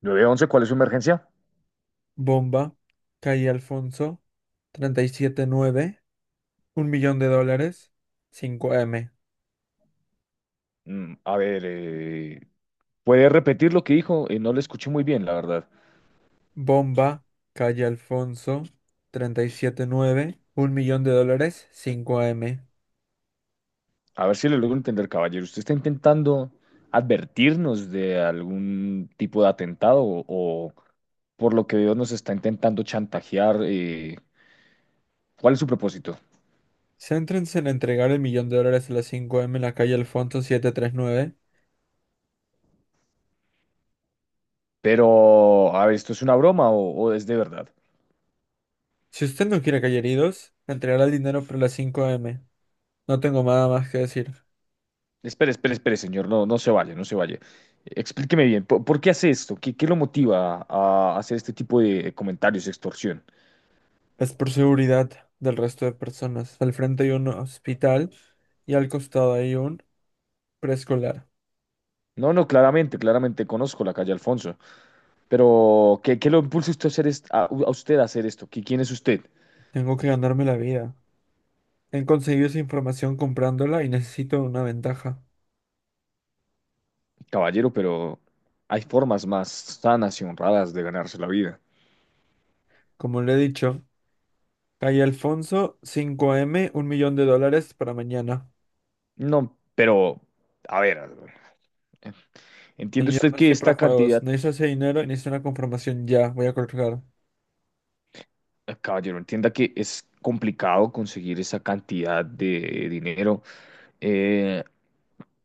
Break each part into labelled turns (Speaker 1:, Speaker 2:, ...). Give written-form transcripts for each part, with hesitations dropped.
Speaker 1: 911, ¿cuál es su emergencia?
Speaker 2: Bomba, Calle Alfonso, 37 9, un millón de dólares, cinco m.
Speaker 1: Mm, a ver, eh, ¿Puede repetir lo que dijo? No le escuché muy bien, la verdad.
Speaker 2: Bomba, Calle Alfonso, treinta y siete nueve, un millón de dólares, cinco m.
Speaker 1: A ver si le logro entender, caballero. ¿Usted está intentando advertirnos de algún tipo de atentado o por lo que veo nos está intentando chantajear? ¿Cuál es su propósito?
Speaker 2: Céntrense en entregar el millón de dólares a las cinco m en la calle Alfonso 739.
Speaker 1: Pero, a ver, ¿esto es una broma o es de verdad?
Speaker 2: Si usted no quiere caer heridos, entregará el dinero por las cinco m. No tengo nada más que decir.
Speaker 1: Espere, espere, espere, señor. No, no se vaya, no se vaya. Explíqueme bien, por qué hace esto? Qué lo motiva a hacer este tipo de comentarios, extorsión?
Speaker 2: Es por seguridad del resto de personas. Al frente hay un hospital y al costado hay un preescolar.
Speaker 1: No, no, claramente, claramente conozco la calle Alfonso, pero qué lo impulsa usted a hacer a usted a hacer esto? ¿Quién es usted?
Speaker 2: Tengo que ganarme la vida. He conseguido esa información comprándola y necesito una ventaja.
Speaker 1: Caballero, pero hay formas más sanas y honradas de ganarse la vida.
Speaker 2: Como le he dicho, calle Alfonso, cinco m, un millón de dólares para mañana.
Speaker 1: No, pero, a ver, entiende
Speaker 2: Señor,
Speaker 1: usted
Speaker 2: no es
Speaker 1: que
Speaker 2: que para
Speaker 1: esta
Speaker 2: juegos.
Speaker 1: cantidad,
Speaker 2: Necesito ese dinero y necesito una confirmación ya. Voy a colgar.
Speaker 1: caballero, entienda que es complicado conseguir esa cantidad de dinero. Eh,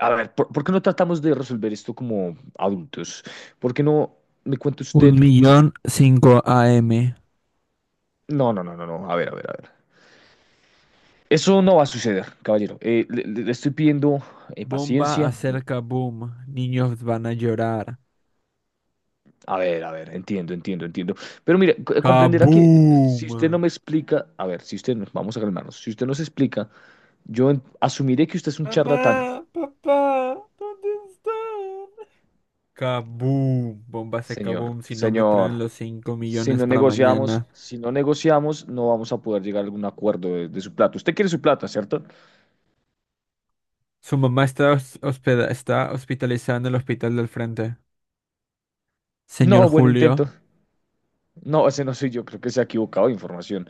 Speaker 1: a ver, por qué no tratamos de resolver esto como adultos? ¿Por qué no me cuenta
Speaker 2: Un
Speaker 1: usted?
Speaker 2: millón cinco a m.
Speaker 1: No, no, no, no, no. A ver, a ver, a ver. Eso no va a suceder, caballero. Le estoy pidiendo
Speaker 2: Bomba
Speaker 1: paciencia.
Speaker 2: acerca boom. Niños van a llorar.
Speaker 1: A ver, entiendo, entiendo, entiendo. Pero mire, comprenderá que si
Speaker 2: ¡Kaboom!
Speaker 1: usted no me explica, a ver, si usted, nos vamos a calmarnos, si usted nos explica, asumiré que usted es un charlatán,
Speaker 2: Mamá, papá, ¿dónde están? Kaboom, bomba se
Speaker 1: señor,
Speaker 2: kaboom, si no me traen
Speaker 1: señor.
Speaker 2: los 5
Speaker 1: Si
Speaker 2: millones
Speaker 1: no
Speaker 2: para
Speaker 1: negociamos,
Speaker 2: mañana.
Speaker 1: si no negociamos, no vamos a poder llegar a algún acuerdo de su plata. Usted quiere su plata, ¿cierto?
Speaker 2: Su mamá está, está hospitalizada en el hospital del frente. Señor
Speaker 1: No, buen
Speaker 2: Julio,
Speaker 1: intento. No, ese no soy yo, creo que se ha equivocado de información.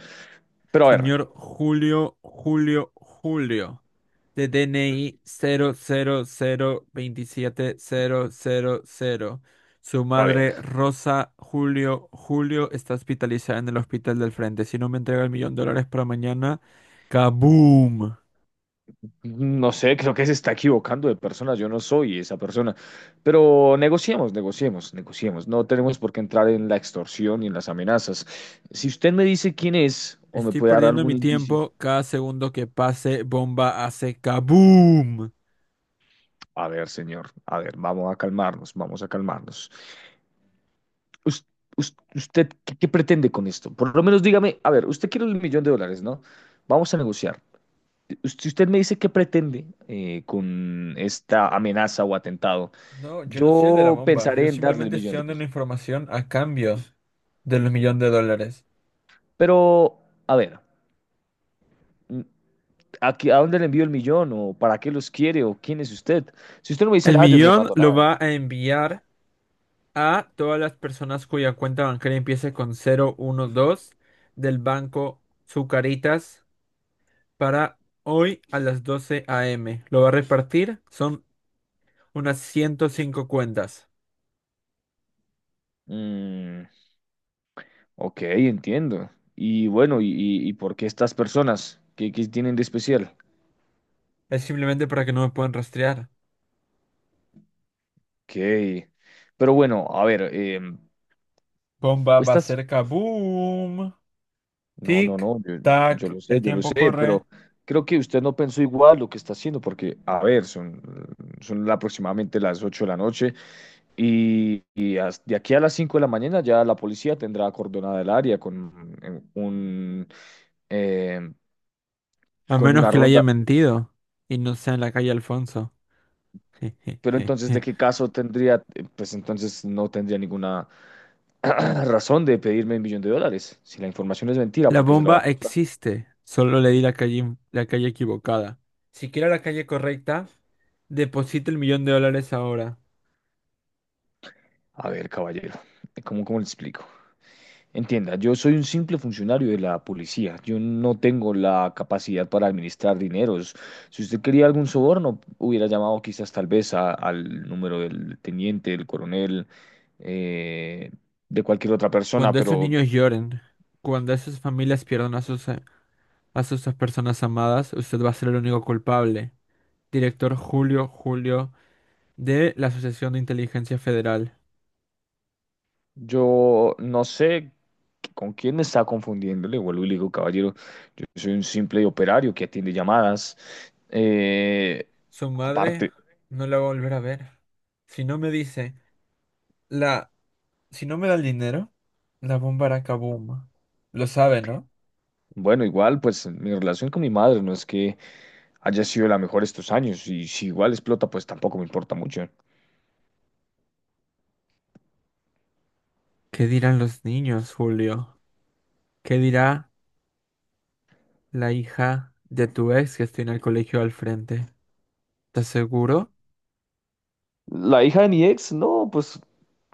Speaker 1: Pero a ver,
Speaker 2: señor Julio, Julio, Julio. De DNI 00 027 000. Su
Speaker 1: a ver.
Speaker 2: madre, Rosa Julio, Julio, está hospitalizada en el hospital del frente. Si no me entrega el millón de dólares para mañana, kaboom.
Speaker 1: No sé, creo que se está equivocando de persona. Yo no soy esa persona. Pero negociemos, negociemos, negociemos. No tenemos por qué entrar en la extorsión y en las amenazas. Si usted me dice quién es o me
Speaker 2: Estoy
Speaker 1: puede dar
Speaker 2: perdiendo
Speaker 1: algún
Speaker 2: mi
Speaker 1: indicio.
Speaker 2: tiempo. Cada segundo que pase, bomba hace kaboom.
Speaker 1: A ver, señor, a ver, vamos a calmarnos, vamos a calmarnos. Us- ¿Usted, qué pretende con esto? Por lo menos dígame, a ver, usted quiere el millón de dólares, ¿no? Vamos a negociar. Si usted me dice qué pretende con esta amenaza o atentado,
Speaker 2: No, yo no soy el de la
Speaker 1: yo
Speaker 2: bomba. Yo
Speaker 1: pensaré en darle el
Speaker 2: simplemente
Speaker 1: millón
Speaker 2: estoy
Speaker 1: de
Speaker 2: dando una
Speaker 1: pesos.
Speaker 2: información a cambio de los millones de dólares.
Speaker 1: Pero, a ver, mm, a dónde le envío el millón? ¿O para qué los quiere? ¿O quién es usted? Si usted no me dice
Speaker 2: El
Speaker 1: nada, yo no le
Speaker 2: millón
Speaker 1: mando
Speaker 2: lo
Speaker 1: nada.
Speaker 2: va a enviar a todas las personas cuya cuenta bancaria empiece con 012 del banco Zucaritas para hoy a las 12 a. m. Lo va a repartir. Son unas 105 cuentas.
Speaker 1: Mm, ok, entiendo. Y bueno, y por qué estas personas? Qué tienen de especial?
Speaker 2: Es simplemente para que no me puedan rastrear.
Speaker 1: Ok. Pero bueno, a ver,
Speaker 2: Bomba va
Speaker 1: estas...
Speaker 2: cerca, boom.
Speaker 1: No, no,
Speaker 2: Tic,
Speaker 1: no,
Speaker 2: tac. El
Speaker 1: yo lo
Speaker 2: tiempo
Speaker 1: sé,
Speaker 2: corre.
Speaker 1: pero creo que usted no pensó igual lo que está haciendo, porque, a ver, son aproximadamente las 8 de la noche. Y, de aquí a las 5 de la mañana ya la policía tendrá acordonada el área con eh,
Speaker 2: A
Speaker 1: con
Speaker 2: menos
Speaker 1: una
Speaker 2: que le haya
Speaker 1: ronda.
Speaker 2: mentido y no sea en la calle Alfonso.
Speaker 1: Pero entonces, ¿de qué caso tendría? Pues entonces no tendría ninguna razón de pedirme el millón de dólares. Si la información es mentira,
Speaker 2: La
Speaker 1: porque se la va
Speaker 2: bomba
Speaker 1: a...
Speaker 2: existe. Solo le di la calle equivocada. Si quiero la calle correcta, deposite el millón de dólares ahora.
Speaker 1: A ver, caballero, cómo le explico? Entienda, yo soy un simple funcionario de la policía. Yo no tengo la capacidad para administrar dineros. Si usted quería algún soborno, hubiera llamado quizás tal vez al número del teniente, del coronel, eh, de cualquier otra persona,
Speaker 2: Cuando esos
Speaker 1: pero
Speaker 2: niños lloren, cuando esas familias pierdan a sus personas amadas, usted va a ser el único culpable. Director Julio Julio de la Asociación de Inteligencia Federal.
Speaker 1: yo no sé con quién me está confundiendo. Le vuelvo y le digo, caballero, yo soy un simple operario que atiende llamadas. Eh,
Speaker 2: Su madre
Speaker 1: Aparte,
Speaker 2: no la va a volver a ver. Si no me dice, la, si no me da el dinero, la bomba hará kaboom. Lo sabe, ¿no?
Speaker 1: bueno, igual, pues mi relación con mi madre no es que haya sido la mejor estos años y si igual explota, pues tampoco me importa mucho.
Speaker 2: ¿Qué dirán los niños, Julio? ¿Qué dirá la hija de tu ex que está en el colegio al frente? ¿Estás seguro?
Speaker 1: La hija de mi ex, no, pues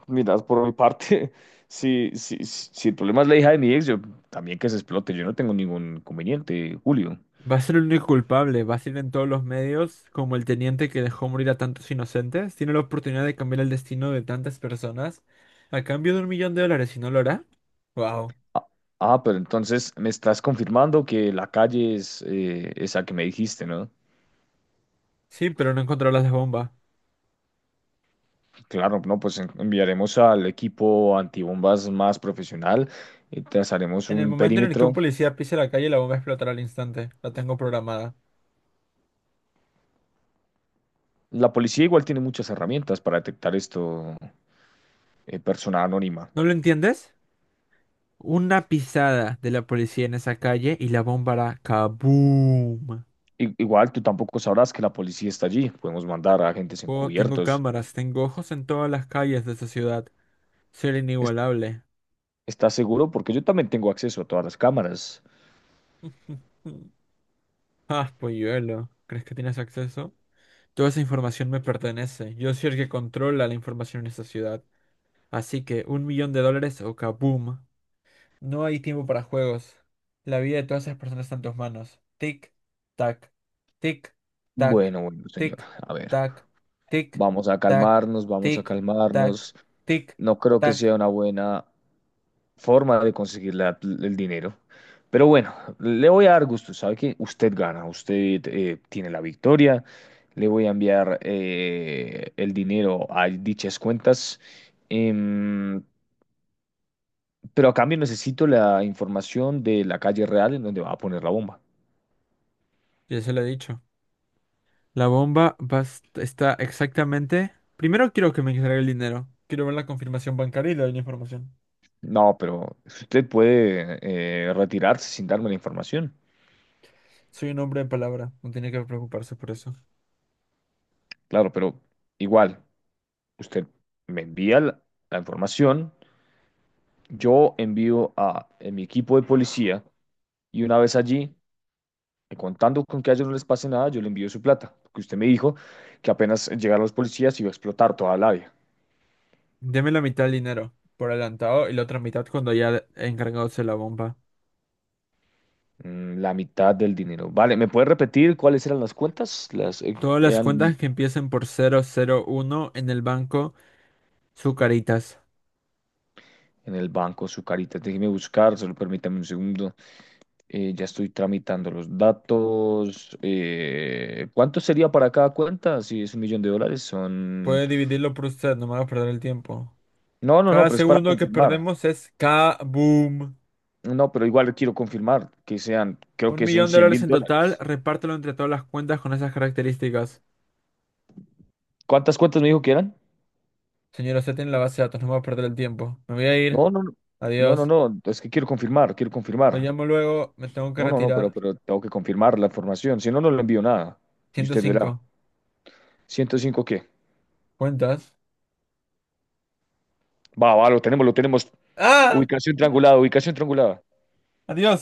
Speaker 1: mira, por mi parte, si, si, si el problema es la hija de mi ex, yo también que se explote, yo no tengo ningún conveniente, Julio.
Speaker 2: Va a ser el único culpable, va a ser en todos los medios como el teniente que dejó morir a tantos inocentes. Tiene la oportunidad de cambiar el destino de tantas personas a cambio de un millón de dólares, ¿y no lo hará? Wow.
Speaker 1: Ah, ah, pero entonces me estás confirmando que la calle es esa que me dijiste, ¿no?
Speaker 2: Sí, pero no encontrará las bombas.
Speaker 1: Claro, no, pues enviaremos al equipo antibombas más profesional, trazaremos
Speaker 2: En el
Speaker 1: un
Speaker 2: momento en el que un
Speaker 1: perímetro.
Speaker 2: policía pise la calle, la bomba explotará al instante. La tengo programada.
Speaker 1: La policía igual tiene muchas herramientas para detectar esto, persona anónima.
Speaker 2: ¿No lo entiendes? Una pisada de la policía en esa calle y la bomba hará kaboom.
Speaker 1: Igual tú tampoco sabrás que la policía está allí. Podemos mandar a agentes
Speaker 2: Oh, tengo
Speaker 1: encubiertos.
Speaker 2: cámaras, tengo ojos en todas las calles de esa ciudad. Ser
Speaker 1: Es-
Speaker 2: inigualable.
Speaker 1: ¿Estás seguro? Porque yo también tengo acceso a todas las cámaras.
Speaker 2: Ah, polluelo, ¿crees que tienes acceso? Toda esa información me pertenece. Yo soy el que controla la información en esta ciudad. Así que un millón de dólares o kaboom. No hay tiempo para juegos. La vida de todas esas personas está en tus manos. Tic, tac, tic, tac,
Speaker 1: Bueno, bueno, señor.
Speaker 2: tic,
Speaker 1: A ver,
Speaker 2: tac, tic,
Speaker 1: vamos a
Speaker 2: tac,
Speaker 1: calmarnos, vamos a
Speaker 2: tic, tac,
Speaker 1: calmarnos.
Speaker 2: tic,
Speaker 1: No creo que
Speaker 2: tac.
Speaker 1: sea una buena forma de conseguir el dinero. Pero bueno, le voy a dar gusto, sabe que usted gana, usted tiene la victoria, le voy a enviar el dinero a dichas cuentas, em, pero a cambio necesito la información de la calle real en donde va a poner la bomba.
Speaker 2: Ya se lo he dicho. La bomba va está exactamente. Primero quiero que me entregue el dinero. Quiero ver la confirmación bancaria y le doy la información.
Speaker 1: No, pero usted puede retirarse sin darme la información.
Speaker 2: Soy un hombre de palabra. No tiene que preocuparse por eso.
Speaker 1: Claro, pero igual, usted me envía la la información, yo envío a mi equipo de policía. Y una vez allí, contando con que a ellos no les pase nada, yo le envío su plata, porque usted me dijo que apenas llegaron los policías iba a explotar toda la vía.
Speaker 2: Deme la mitad del dinero por adelantado y la otra mitad cuando haya encargado de la bomba.
Speaker 1: La mitad del dinero. Vale, ¿me puede repetir cuáles eran las cuentas? Las
Speaker 2: Todas las
Speaker 1: eran
Speaker 2: cuentas que empiecen por 001 en el banco Sucaritas.
Speaker 1: en el banco, su carita. Déjeme buscar, solo permítame un segundo. Ya estoy tramitando los datos. ¿Cuánto sería para cada cuenta? Si es un millón de dólares, son...
Speaker 2: Puede dividirlo por usted, no me haga perder el tiempo.
Speaker 1: No, no, no,
Speaker 2: Cada
Speaker 1: pero es para
Speaker 2: segundo que
Speaker 1: confirmar.
Speaker 2: perdemos es K-boom.
Speaker 1: No, pero igual quiero confirmar que sean, creo
Speaker 2: Un
Speaker 1: que son
Speaker 2: millón de
Speaker 1: cien
Speaker 2: dólares
Speaker 1: mil
Speaker 2: en total,
Speaker 1: dólares.
Speaker 2: repártelo entre todas las cuentas con esas características.
Speaker 1: ¿Cuántas cuentas me dijo que eran?
Speaker 2: Señora, usted tiene la base de datos, no me va a perder el tiempo. Me voy a ir.
Speaker 1: No, no, no, no, no,
Speaker 2: Adiós.
Speaker 1: no, es que quiero confirmar, quiero
Speaker 2: Lo
Speaker 1: confirmar.
Speaker 2: llamo luego, me tengo que
Speaker 1: No, no, no,
Speaker 2: retirar.
Speaker 1: pero tengo que confirmar la información, si no, no le envío nada. Y
Speaker 2: Ciento
Speaker 1: usted verá.
Speaker 2: cinco
Speaker 1: ¿105 qué?
Speaker 2: ¿Cuentas?
Speaker 1: Va, va, lo tenemos, lo tenemos.
Speaker 2: ¡Ah!
Speaker 1: Ubicación triangulada, ubicación triangulada.
Speaker 2: ¡Adiós!